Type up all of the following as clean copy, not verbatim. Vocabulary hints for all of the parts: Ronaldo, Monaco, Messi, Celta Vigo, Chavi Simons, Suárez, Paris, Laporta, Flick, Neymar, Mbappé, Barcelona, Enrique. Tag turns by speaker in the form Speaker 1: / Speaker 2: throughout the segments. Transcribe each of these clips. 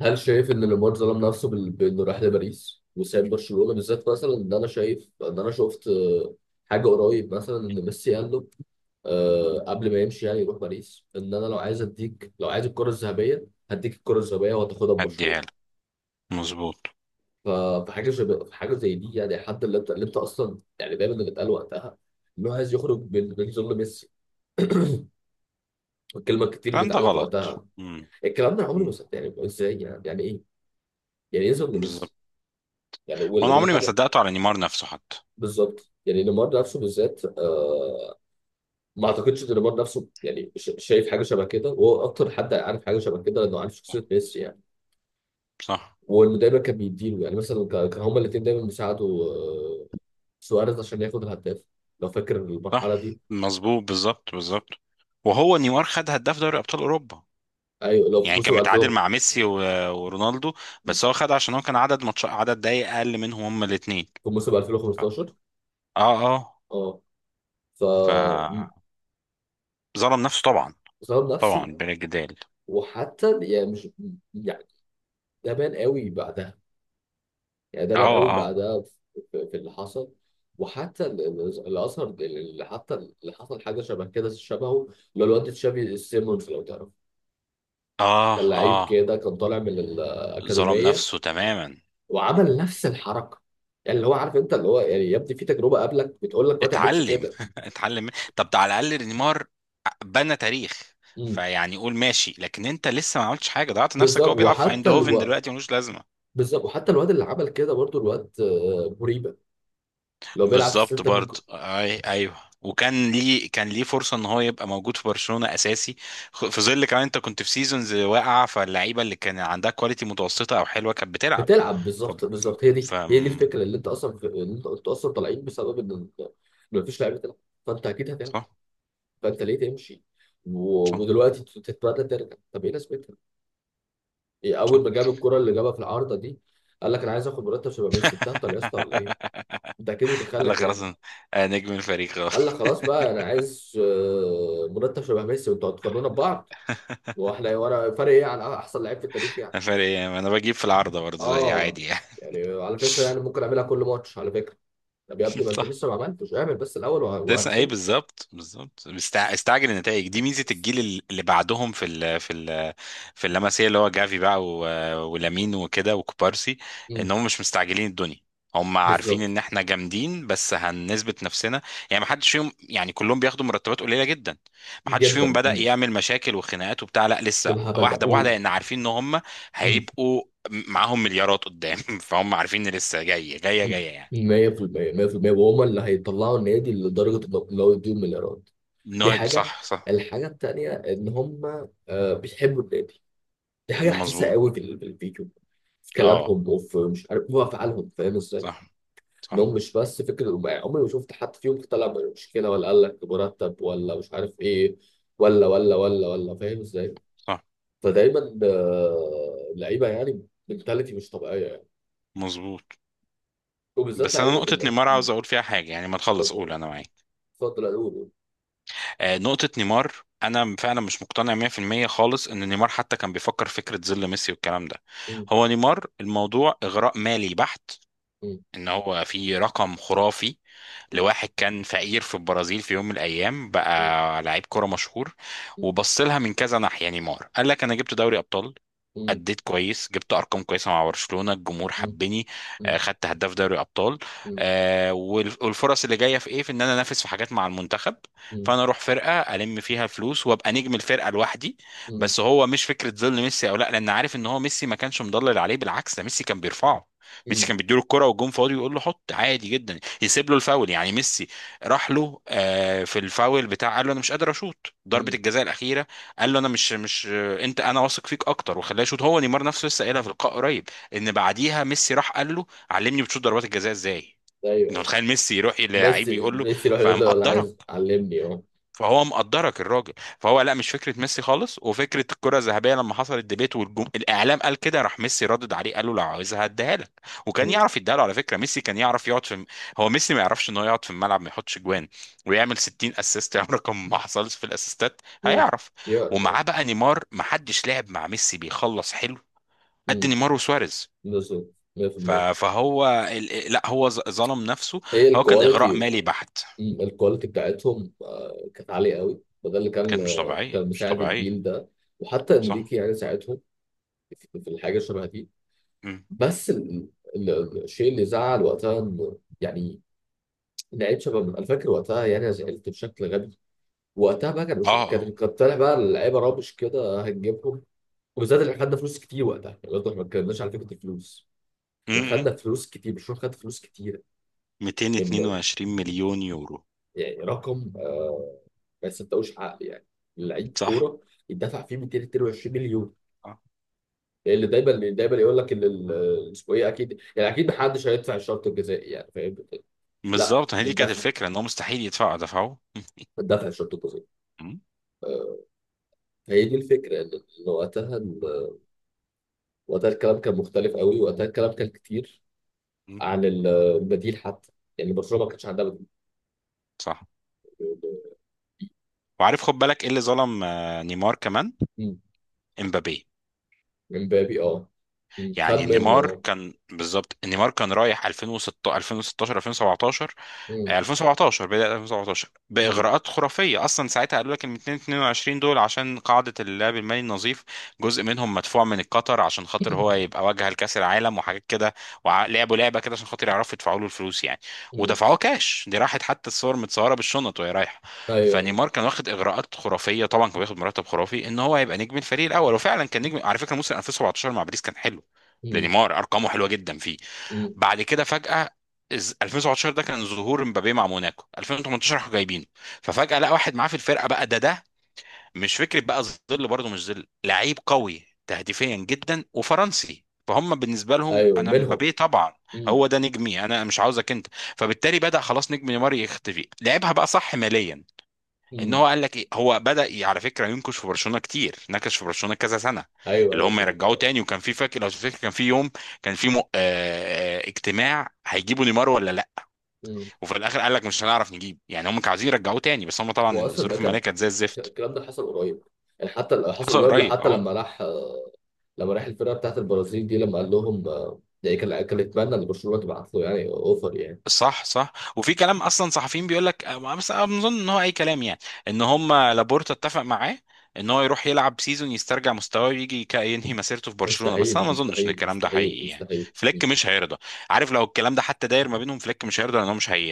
Speaker 1: هل شايف ان ليمار ظلم نفسه بانه راح لباريس وساب برشلونه بالذات. مثلا ان انا شايف ان انا شفت حاجه قريب. مثلا ان ميسي قال له قبل ما يمشي يعني يروح باريس، ان انا لو عايز اديك، لو عايز الكره الذهبيه هديك الكره الذهبيه وهتاخدها ببرشلونه.
Speaker 2: هديها لك. مظبوط.
Speaker 1: ف- فحاجه شبه حاجه زي دي، يعني حد اللي انت اصلا يعني دايما اللي اتقال وقتها انه عايز يخرج من ظل ميسي. الكلمه الكتير اللي
Speaker 2: الكلام ده
Speaker 1: اتقالت
Speaker 2: غلط.
Speaker 1: وقتها.
Speaker 2: مم.
Speaker 1: الكلام ده أنا عمري ما
Speaker 2: مم.
Speaker 1: صدق، يعني ازاي يعني ايه. يعني ايه ظل
Speaker 2: بالظبط.
Speaker 1: ميسي؟ يعني
Speaker 2: وانا عمري ما
Speaker 1: والحاجه.
Speaker 2: صدقته على نيمار نفسه حتى.
Speaker 1: بالظبط، يعني نيمار نفسه بالذات. آه. ما اعتقدش ان نيمار نفسه يعني شايف حاجه شبه كده، وهو اكتر حد عارف حاجه شبه كده لانه عارف شخصيه ميسي يعني.
Speaker 2: صح،
Speaker 1: وانه دايما كان بيديله، يعني مثلا كان هما الاثنين دايما بيساعدوا آه سواريز عشان ياخد الهداف. لو فاكر
Speaker 2: صح،
Speaker 1: المرحله دي.
Speaker 2: مظبوط، بالظبط، بالظبط. وهو نيمار خد هداف دوري ابطال اوروبا،
Speaker 1: ايوه، لو في
Speaker 2: يعني كان
Speaker 1: موسم
Speaker 2: متعادل
Speaker 1: 2000.
Speaker 2: مع ميسي ورونالدو. بس هو خد عشان هو كان عدد ماتش، عدد دقايق اقل منهم هما الاثنين.
Speaker 1: في موسم 2015.
Speaker 2: اه اه.
Speaker 1: اه. ف
Speaker 2: ف
Speaker 1: م-
Speaker 2: ظلم نفسه طبعا،
Speaker 1: ظلم نفسه.
Speaker 2: طبعا بلا جدال.
Speaker 1: وحتى يعني مش، يعني ده بان قوي بعدها. يعني ده بان
Speaker 2: اه
Speaker 1: قوي
Speaker 2: اه
Speaker 1: بعدها في اللي حصل. وحتى اللي اثر، اللي حتى اللي حصل حاجه شبه كده، شبهه اللي هو الواد تشافي سيمونز لو تعرف.
Speaker 2: اه
Speaker 1: كان لعيب
Speaker 2: اه.
Speaker 1: كده، كان طالع من
Speaker 2: ظلم
Speaker 1: الاكاديميه
Speaker 2: نفسه تماما.
Speaker 1: وعمل نفس الحركه. يعني اللي هو عارف انت، اللي هو يعني يبدو في تجربه قبلك بتقول لك ما تعملش
Speaker 2: اتعلم
Speaker 1: كده.
Speaker 2: اتعلم من- طب ده على الاقل نيمار بنى تاريخ.
Speaker 1: امم
Speaker 2: فيعني قول ماشي، لكن انت لسه ما عملتش حاجه، ضيعت نفسك. هو
Speaker 1: بالظبط.
Speaker 2: بيلعب في
Speaker 1: وحتى
Speaker 2: ايندهوفن
Speaker 1: الو
Speaker 2: دلوقتي، ملوش لازمه.
Speaker 1: بالظبط وحتى الواد اللي عمل كده برضو الواد مريبه، لو بيلعب في
Speaker 2: بالظبط،
Speaker 1: سيلتا فيجو.
Speaker 2: برضه، ايوه. وكان ليه كان ليه فرصه ان هو يبقى موجود في برشلونه اساسي، في ظل كمان انت كنت في سيزونز واقعه، فاللعيبه اللي كان عندها كواليتي متوسطه او حلوه كانت بتلعب.
Speaker 1: بتلعب.
Speaker 2: ف
Speaker 1: بالظبط بالظبط. هي
Speaker 2: ف
Speaker 1: دي هي دي الفكره، اللي انت قلت اصلا: طالعين بسبب ان مفيش لعيبه تلعب. فانت اكيد هتلعب.
Speaker 2: صح،
Speaker 1: فانت ليه تمشي؟ و...
Speaker 2: صح،
Speaker 1: ودلوقتي تتمنى ترجع. طب ايه لازمتها؟ إيه، اول
Speaker 2: صح.
Speaker 1: ما جاب الكره اللي جابها في العارضه دي قال لك انا عايز اخد مرتب شبه ميسي. بتهطل يا اسطى ولا ايه؟ انت اكيد
Speaker 2: قال لك
Speaker 1: متخلف
Speaker 2: خلاص
Speaker 1: يعني.
Speaker 2: أنا نجم الفريق
Speaker 1: قال
Speaker 2: خلاص.
Speaker 1: لك: خلاص بقى انا عايز مرتب شبه ميسي وانتوا هتقارنونا ببعض، واحنا ورا فرق ايه عن احسن لعيب في التاريخ يعني.
Speaker 2: الفريق انا بجيب في العارضه برضه زي
Speaker 1: اه.
Speaker 2: عادي يعني.
Speaker 1: يعني على فكره، يعني ممكن اعملها كل ماتش على فكره. طب يا ابني، ما انت
Speaker 2: صح.
Speaker 1: لسه ما عملتش. اعمل بس الاول
Speaker 2: كنت لسه ايه؟
Speaker 1: وهتشوف.
Speaker 2: بالظبط، بالظبط. استعجل النتائج دي. ميزه الجيل اللي بعدهم في اللمسيه، اللي هو جافي بقى ولامين وكده وكوبارسي، ان
Speaker 1: مم.
Speaker 2: هم مش مستعجلين الدنيا. هم عارفين
Speaker 1: بالظبط.
Speaker 2: ان احنا جامدين، بس هنثبت نفسنا. يعني ما حدش فيهم يعني كلهم بياخدوا مرتبات قليله جدا. ما حدش فيهم
Speaker 1: جدا.
Speaker 2: بدأ
Speaker 1: مم.
Speaker 2: يعمل مشاكل وخناقات وبتاع، لا لسه
Speaker 1: والهبل ده
Speaker 2: واحده بواحده،
Speaker 1: و-
Speaker 2: لان عارفين ان هم
Speaker 1: مم.
Speaker 2: هيبقوا معاهم مليارات قدام. فهم عارفين ان لسه جايه جايه
Speaker 1: مم.
Speaker 2: جايه يعني.
Speaker 1: 100% 100%، وهم اللي هيطلعوا النادي لدرجه انه لو يديهم مليارات. دي
Speaker 2: انه
Speaker 1: حاجه.
Speaker 2: صح، صح،
Speaker 1: الحاجه التانيه ان هم بيحبوا النادي. دي حاجه حاسسها
Speaker 2: مظبوط.
Speaker 1: قوي في الفيديو، في
Speaker 2: اه،
Speaker 1: كلامهم، وفي مش عارف هو افعالهم. فاهم ازاي؟
Speaker 2: صح، صح،
Speaker 1: انهم مش بس فكره، عمري ما شفت حد فيهم طلع من مشكله ولا قال لك مرتب، ولا مش عارف ايه، ولا ولا ولا ولا. فاهم ازاي؟
Speaker 2: صح،
Speaker 1: فدايما اللعيبه يعني منتاليتي مش طبيعيه يعني،
Speaker 2: مظبوط.
Speaker 1: وبالذات
Speaker 2: بس انا
Speaker 1: لعيبه
Speaker 2: نقطة
Speaker 1: بال
Speaker 2: نيمار
Speaker 1: مم.
Speaker 2: عاوز اقول فيها حاجة، يعني ما تخلص قول
Speaker 1: اتفضل.
Speaker 2: انا معاك.
Speaker 1: اتفضل، قول قول.
Speaker 2: آه، نقطة نيمار. انا فعلا مش مقتنع 100% خالص ان نيمار حتى كان بيفكر فكرة ظل ميسي والكلام ده.
Speaker 1: مم.
Speaker 2: هو نيمار الموضوع اغراء مالي بحت.
Speaker 1: مم.
Speaker 2: ان هو في رقم خرافي
Speaker 1: مم.
Speaker 2: لواحد كان فقير في البرازيل، في يوم من الايام بقى لعيب كرة مشهور.
Speaker 1: مم.
Speaker 2: وبص لها من كذا ناحية. نيمار قال لك انا جبت دوري ابطال،
Speaker 1: مم.
Speaker 2: أديت كويس، جبت أرقام كويسة مع برشلونة، الجمهور
Speaker 1: مم.
Speaker 2: حبني،
Speaker 1: مم.
Speaker 2: خدت هداف دوري أبطال،
Speaker 1: مم.
Speaker 2: والفرص اللي جاية في إيه، في إن أنا أنافس في حاجات مع المنتخب.
Speaker 1: مم.
Speaker 2: فأنا أروح فرقة ألم فيها فلوس وأبقى نجم الفرقة لوحدي.
Speaker 1: مم.
Speaker 2: بس هو مش فكرة ظل ميسي أو لا، لأن عارف إن هو ميسي ما كانش مضلل عليه، بالعكس ده ميسي كان بيرفعه. ميسي
Speaker 1: مم.
Speaker 2: كان بيديله الكرة والجون فاضي ويقول له حط عادي جدا، يسيب له الفاول. يعني ميسي راح له في الفاول بتاع، قال له انا مش قادر اشوط ضربة
Speaker 1: مم.
Speaker 2: الجزاء الأخيرة. قال له انا مش، انت انا واثق فيك اكتر، وخلاه يشوط هو. نيمار نفسه لسه قايلها في لقاء قريب ان بعديها ميسي راح قال له علمني بتشوط ضربات الجزاء ازاي. انت
Speaker 1: ايوه.
Speaker 2: متخيل ميسي يروح للعيب
Speaker 1: ميسي
Speaker 2: يقول له؟
Speaker 1: ميسي يروح يقول له: انا عايز
Speaker 2: فمقدره
Speaker 1: علمني. اه.
Speaker 2: فهو مقدرك الراجل. فهو لا، مش فكره ميسي خالص. وفكره الكره الذهبيه لما حصل الديبيت الاعلام قال كده، راح ميسي ردد عليه قال له لو عاوزها هديها لك. وكان
Speaker 1: مم.
Speaker 2: يعرف يديها له على فكره. ميسي كان يعرف يقعد هو ميسي ما يعرفش ان هو يقعد في الملعب ما يحطش جوان ويعمل 60 اسيست؟ يعني رقم ما حصلش في الاسيستات،
Speaker 1: مم.
Speaker 2: هيعرف.
Speaker 1: يعرف اه.
Speaker 2: ومعاه بقى نيمار، ما حدش لعب مع ميسي بيخلص حلو قد
Speaker 1: مم.
Speaker 2: نيمار وسواريز.
Speaker 1: بالظبط. 100%.
Speaker 2: لا هو ظلم نفسه،
Speaker 1: هي
Speaker 2: هو كان اغراء
Speaker 1: الكواليتي.
Speaker 2: مالي بحت.
Speaker 1: مم. الكواليتي بتاعتهم كانت عاليه قوي، فده اللي كان
Speaker 2: كانت مش طبيعيه،
Speaker 1: كان
Speaker 2: مش
Speaker 1: مساعد
Speaker 2: طبيعيه.
Speaker 1: الجيل ده. وحتى
Speaker 2: صح.
Speaker 1: انريكي يعني ساعتهم في الحاجه شبه دي. بس الشيء اللي زعل وقتها يعني، لعيب شباب انا فاكر وقتها. يعني انا زعلت بشكل غبي وقتها بقى. كان
Speaker 2: اه
Speaker 1: مش
Speaker 2: اه.
Speaker 1: كان طالع بقى اللعيبه رابش كده هنجيبهم، وبالذات اللي خدنا فلوس كتير وقتها يعني. برضه احنا ما اتكلمناش على فكره الفلوس. احنا
Speaker 2: امم.
Speaker 1: خدنا فلوس كتير، مش خدنا فلوس كتير. من
Speaker 2: 222 مليون يورو.
Speaker 1: يعني رقم ما يصدقوش عقل، يعني لعيب
Speaker 2: صح.
Speaker 1: كوره يدفع فيه 222 مليون.
Speaker 2: اه
Speaker 1: اللي دايما يقول لك ان اسمه ايه، اكيد يعني اكيد محدش هيدفع الشرط الجزائي، يعني فاهم. لا،
Speaker 2: بالظبط، هي دي كانت
Speaker 1: الدفع،
Speaker 2: الفكره. ان هو مستحيل يدفعوا، دفعوه.
Speaker 1: الدفع، الشرط الجزئي.
Speaker 2: مم.
Speaker 1: آه، فهي دي الفكره، ان وقتها وقتها الكلام كان مختلف قوي. وقتها الكلام كان كتير
Speaker 2: مم.
Speaker 1: عن البديل حتى. يعني برشلونه ما كانش عندها بديل.
Speaker 2: صح. وعارف خد بالك ايه اللي ظلم نيمار كمان؟
Speaker 1: مم.
Speaker 2: امبابي.
Speaker 1: امبابي، اه. مم. خد
Speaker 2: يعني
Speaker 1: منه،
Speaker 2: نيمار
Speaker 1: اه.
Speaker 2: كان بالظبط، نيمار كان رايح 2006 2016 2017
Speaker 1: مم.
Speaker 2: 2017، بداية 2017،
Speaker 1: مم.
Speaker 2: بإغراءات خرافية أصلا. ساعتها قالوا لك إن 222 دول عشان قاعدة اللعب المالي النظيف، جزء منهم مدفوع من قطر عشان خاطر هو يبقى واجهة لكأس العالم وحاجات كده. ولعبوا لعبة كده عشان خاطر يعرفوا يدفعوا له الفلوس يعني،
Speaker 1: مم.
Speaker 2: ودفعوه كاش. دي راحت حتى الصور متصورة بالشنط وهي رايحة.
Speaker 1: ايوه.
Speaker 2: فنيمار كان واخد إغراءات خرافية، طبعا كان بياخد مرتب خرافي، إن هو يبقى نجم الفريق الأول. وفعلا كان نجم، على فكرة موسم 2017 مع باريس كان حلو
Speaker 1: مم.
Speaker 2: لنيمار، أرقامه حلوة جدا.
Speaker 1: مم.
Speaker 2: بعد كده فجأة، 2017 ده كان ظهور مبابي مع موناكو، 2018 راحوا جايبينه. ففجأة لقى واحد معاه في الفرقة بقى ده. مش فكرة بقى ظل، برضه مش ظل، لعيب قوي تهديفيا جدا وفرنسي، فهم بالنسبة لهم
Speaker 1: ايوه،
Speaker 2: انا
Speaker 1: منهم.
Speaker 2: مبابي طبعا
Speaker 1: مم.
Speaker 2: هو ده نجمي، انا مش عاوزك انت. فبالتالي بدأ خلاص نجم نيمار يختفي. لعبها بقى صح ماليا، ان
Speaker 1: مم.
Speaker 2: هو قال لك ايه. هو بدأ على فكره ينكش في برشلونه كتير، نكش في برشلونه كذا سنه
Speaker 1: ايوه
Speaker 2: اللي
Speaker 1: ايوه
Speaker 2: هم يرجعوه تاني. وكان في، فاكر لو تفتكر، كان في يوم كان في اجتماع هيجيبوا نيمار ولا لا.
Speaker 1: مم.
Speaker 2: وفي الاخر قال لك مش هنعرف نجيب. يعني هم كانوا عايزين يرجعوه تاني بس هم طبعا
Speaker 1: واصلا ده
Speaker 2: الظروف الماليه
Speaker 1: كان،
Speaker 2: كانت زي الزفت.
Speaker 1: الكلام ده حصل قريب يعني، حتى حصل
Speaker 2: حصل
Speaker 1: قريب.
Speaker 2: قريب،
Speaker 1: حتى
Speaker 2: اه.
Speaker 1: لما راح لما راح الفرقه بتاعت البرازيل دي، لما قال لهم ده كان يتمنى ان برشلونه تبعت له يعني اوفر يعني.
Speaker 2: صح صح. وفي كلام اصلا صحفيين بيقول لك، بس انا بظن ان هو اي كلام يعني، ان هم لابورتا اتفق معاه ان هو يروح يلعب سيزون يسترجع مستواه ويجي ينهي مسيرته في برشلونه. بس
Speaker 1: مستحيل
Speaker 2: انا ما اظنش ان
Speaker 1: مستحيل
Speaker 2: الكلام ده
Speaker 1: مستحيل
Speaker 2: حقيقي يعني.
Speaker 1: مستحيل.
Speaker 2: فليك مش هيرضى. عارف لو الكلام ده حتى داير ما بينهم، فليك مش هيرضى، لان هو مش هي.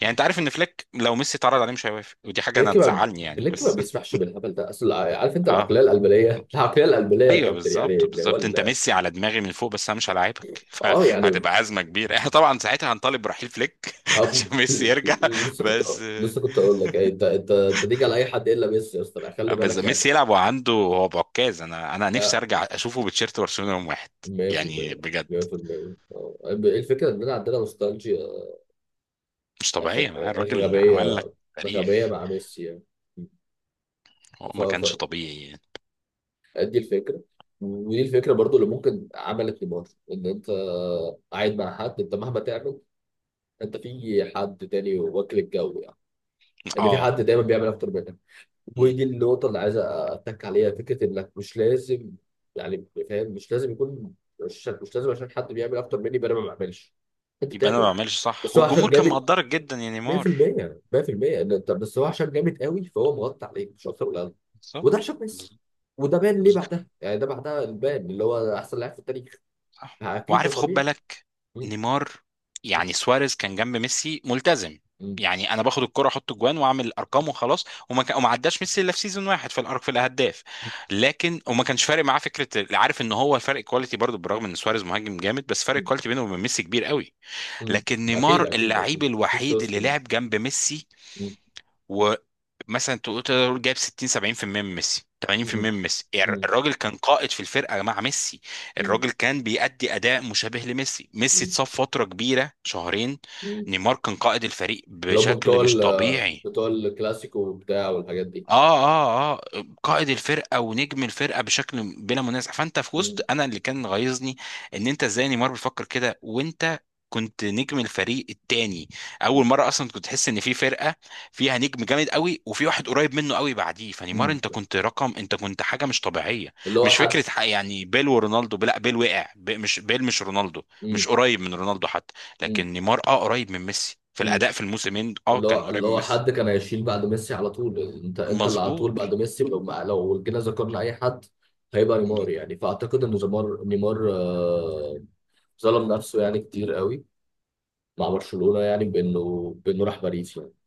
Speaker 2: يعني انت عارف ان فليك لو ميسي اتعرض عليه مش هيوافق، ودي حاجه انا
Speaker 1: فليك ما
Speaker 2: تزعلني يعني
Speaker 1: فليك ما
Speaker 2: بس.
Speaker 1: بيسمحش بالهبل ده. اصل عارف انت العقليه
Speaker 2: اه
Speaker 1: القلبليه العقليه القلبليه يا
Speaker 2: ايوه،
Speaker 1: كابتن، يعني
Speaker 2: بالظبط
Speaker 1: اللي هو
Speaker 2: بالظبط. انت ميسي على دماغي من فوق بس انا مش هلاعبك.
Speaker 1: اه يعني.
Speaker 2: فهتبقى ازمه كبيره. احنا طبعا ساعتها هنطالب برحيل فليك
Speaker 1: أو-
Speaker 2: عشان ميسي يرجع.
Speaker 1: لسه كنت
Speaker 2: بس
Speaker 1: لسه كنت اقول لك يعني انت تيجي على اي حد الا ميسي يا اسطى، خلي
Speaker 2: بس
Speaker 1: بالك
Speaker 2: ميسي
Speaker 1: يعني.
Speaker 2: يلعب وعنده هو بعكاز. انا نفسي
Speaker 1: آه،
Speaker 2: ارجع اشوفه بتشيرت برشلونه يوم واحد. يعني
Speaker 1: 100%
Speaker 2: بجد
Speaker 1: 100%. الفكره اننا عندنا نوستالجيا
Speaker 2: مش طبيعيه معاه.
Speaker 1: غ-
Speaker 2: الراجل عمل
Speaker 1: غبيه.
Speaker 2: لك
Speaker 1: غبيه
Speaker 2: تاريخ،
Speaker 1: مع ميسي يعني.
Speaker 2: هو ما كانش
Speaker 1: ف-
Speaker 2: طبيعي يعني.
Speaker 1: فدي الفكره، ودي الفكره برضو اللي ممكن عملت لمارفل: ان انت قاعد مع حد، انت مهما تعمل انت في حد تاني واكل الجو يعني، ان في حد
Speaker 2: اه.
Speaker 1: دايما بيعمل
Speaker 2: آه.
Speaker 1: اكتر منك.
Speaker 2: مم.
Speaker 1: ودي النقطه اللي عايز اتك عليها، فكره انك مش لازم يعني، فاهم، مش لازم يكون، مش لازم عشان حد بيعمل اكتر مني يبقى انا ما بعملش. انت
Speaker 2: يبقى انا ما
Speaker 1: بتعمل.
Speaker 2: بعملش. صح.
Speaker 1: بس هو عشان
Speaker 2: والجمهور كان
Speaker 1: جامد.
Speaker 2: مقدرك جدا يا نيمار.
Speaker 1: 100% 100%. طب بس هو عشان جامد قوي، فهو مغطي عليك، مش اكتر ولا اقل. وده
Speaker 2: بالظبط
Speaker 1: عشان ميسي.
Speaker 2: بالظبط.
Speaker 1: وده بان ليه بعدها، يعني ده بعدها البان اللي هو احسن لاعب في التاريخ.
Speaker 2: صح.
Speaker 1: اكيد ده
Speaker 2: وعارف خد
Speaker 1: طبيعي.
Speaker 2: بالك،
Speaker 1: مم.
Speaker 2: نيمار، يعني سواريز كان جنب ميسي ملتزم،
Speaker 1: مم.
Speaker 2: يعني انا باخد الكرة احط جوان واعمل ارقام وخلاص. وما عداش ميسي الا في سيزون واحد في في الهداف، لكن وما كانش فارق معاه فكره. عارف ان هو الفرق كواليتي برضه، بالرغم ان سواريز مهاجم جامد بس فرق
Speaker 1: مم.
Speaker 2: الكواليتي بينه وبين ميسي كبير قوي.
Speaker 1: مم.
Speaker 2: لكن
Speaker 1: اكيد
Speaker 2: نيمار
Speaker 1: اكيد
Speaker 2: اللعيب
Speaker 1: اكيد. مفيش
Speaker 2: الوحيد
Speaker 1: شوز
Speaker 2: اللي
Speaker 1: كمان.
Speaker 2: لعب جنب ميسي
Speaker 1: مم.
Speaker 2: ومثلا تقول، تقدر تقول جايب 60 70% من ميسي،
Speaker 1: مم.
Speaker 2: 80% من ميسي. يعني
Speaker 1: مم.
Speaker 2: الراجل كان قائد في الفرقه مع ميسي،
Speaker 1: مم.
Speaker 2: الراجل كان بيأدي اداء مشابه لميسي. ميسي
Speaker 1: مم.
Speaker 2: اتصاب فتره كبيره شهرين،
Speaker 1: مم.
Speaker 2: نيمار كان قائد الفريق
Speaker 1: اللي هم
Speaker 2: بشكل
Speaker 1: بتوع
Speaker 2: مش طبيعي.
Speaker 1: بتوع الكلاسيكو وبتاع، والحاجات دي.
Speaker 2: اه اه اه، قائد الفرقه ونجم الفرقه بشكل بلا منازع. فانت في وسط،
Speaker 1: مم.
Speaker 2: انا اللي كان غيظني ان انت ازاي نيمار بيفكر كده، وانت كنت نجم الفريق التاني. اول مره اصلا كنت تحس ان في فرقه فيها نجم جامد قوي وفي واحد قريب منه قوي بعديه. فنيمار
Speaker 1: مم.
Speaker 2: انت كنت رقم، انت كنت حاجه مش طبيعيه.
Speaker 1: اللي هو
Speaker 2: مش
Speaker 1: حد.
Speaker 2: فكره يعني بيل ورونالدو، لا بيل وقع مش بيل، مش رونالدو،
Speaker 1: مم.
Speaker 2: مش قريب من رونالدو حتى. لكن نيمار اه قريب من ميسي في
Speaker 1: مم.
Speaker 2: الاداء، في الموسمين اه
Speaker 1: اللي
Speaker 2: كان
Speaker 1: هو
Speaker 2: قريب
Speaker 1: اللي
Speaker 2: من
Speaker 1: هو
Speaker 2: ميسي.
Speaker 1: حد كان هيشيل بعد ميسي على طول. انت اللي على طول
Speaker 2: مظبوط.
Speaker 1: بعد ميسي، لو ما لو جينا ذكرنا اي حد هيبقى نيمار يعني. فاعتقد ان نيمار ظلم نفسه يعني كتير قوي مع برشلونة، يعني بانه راح باريس يعني.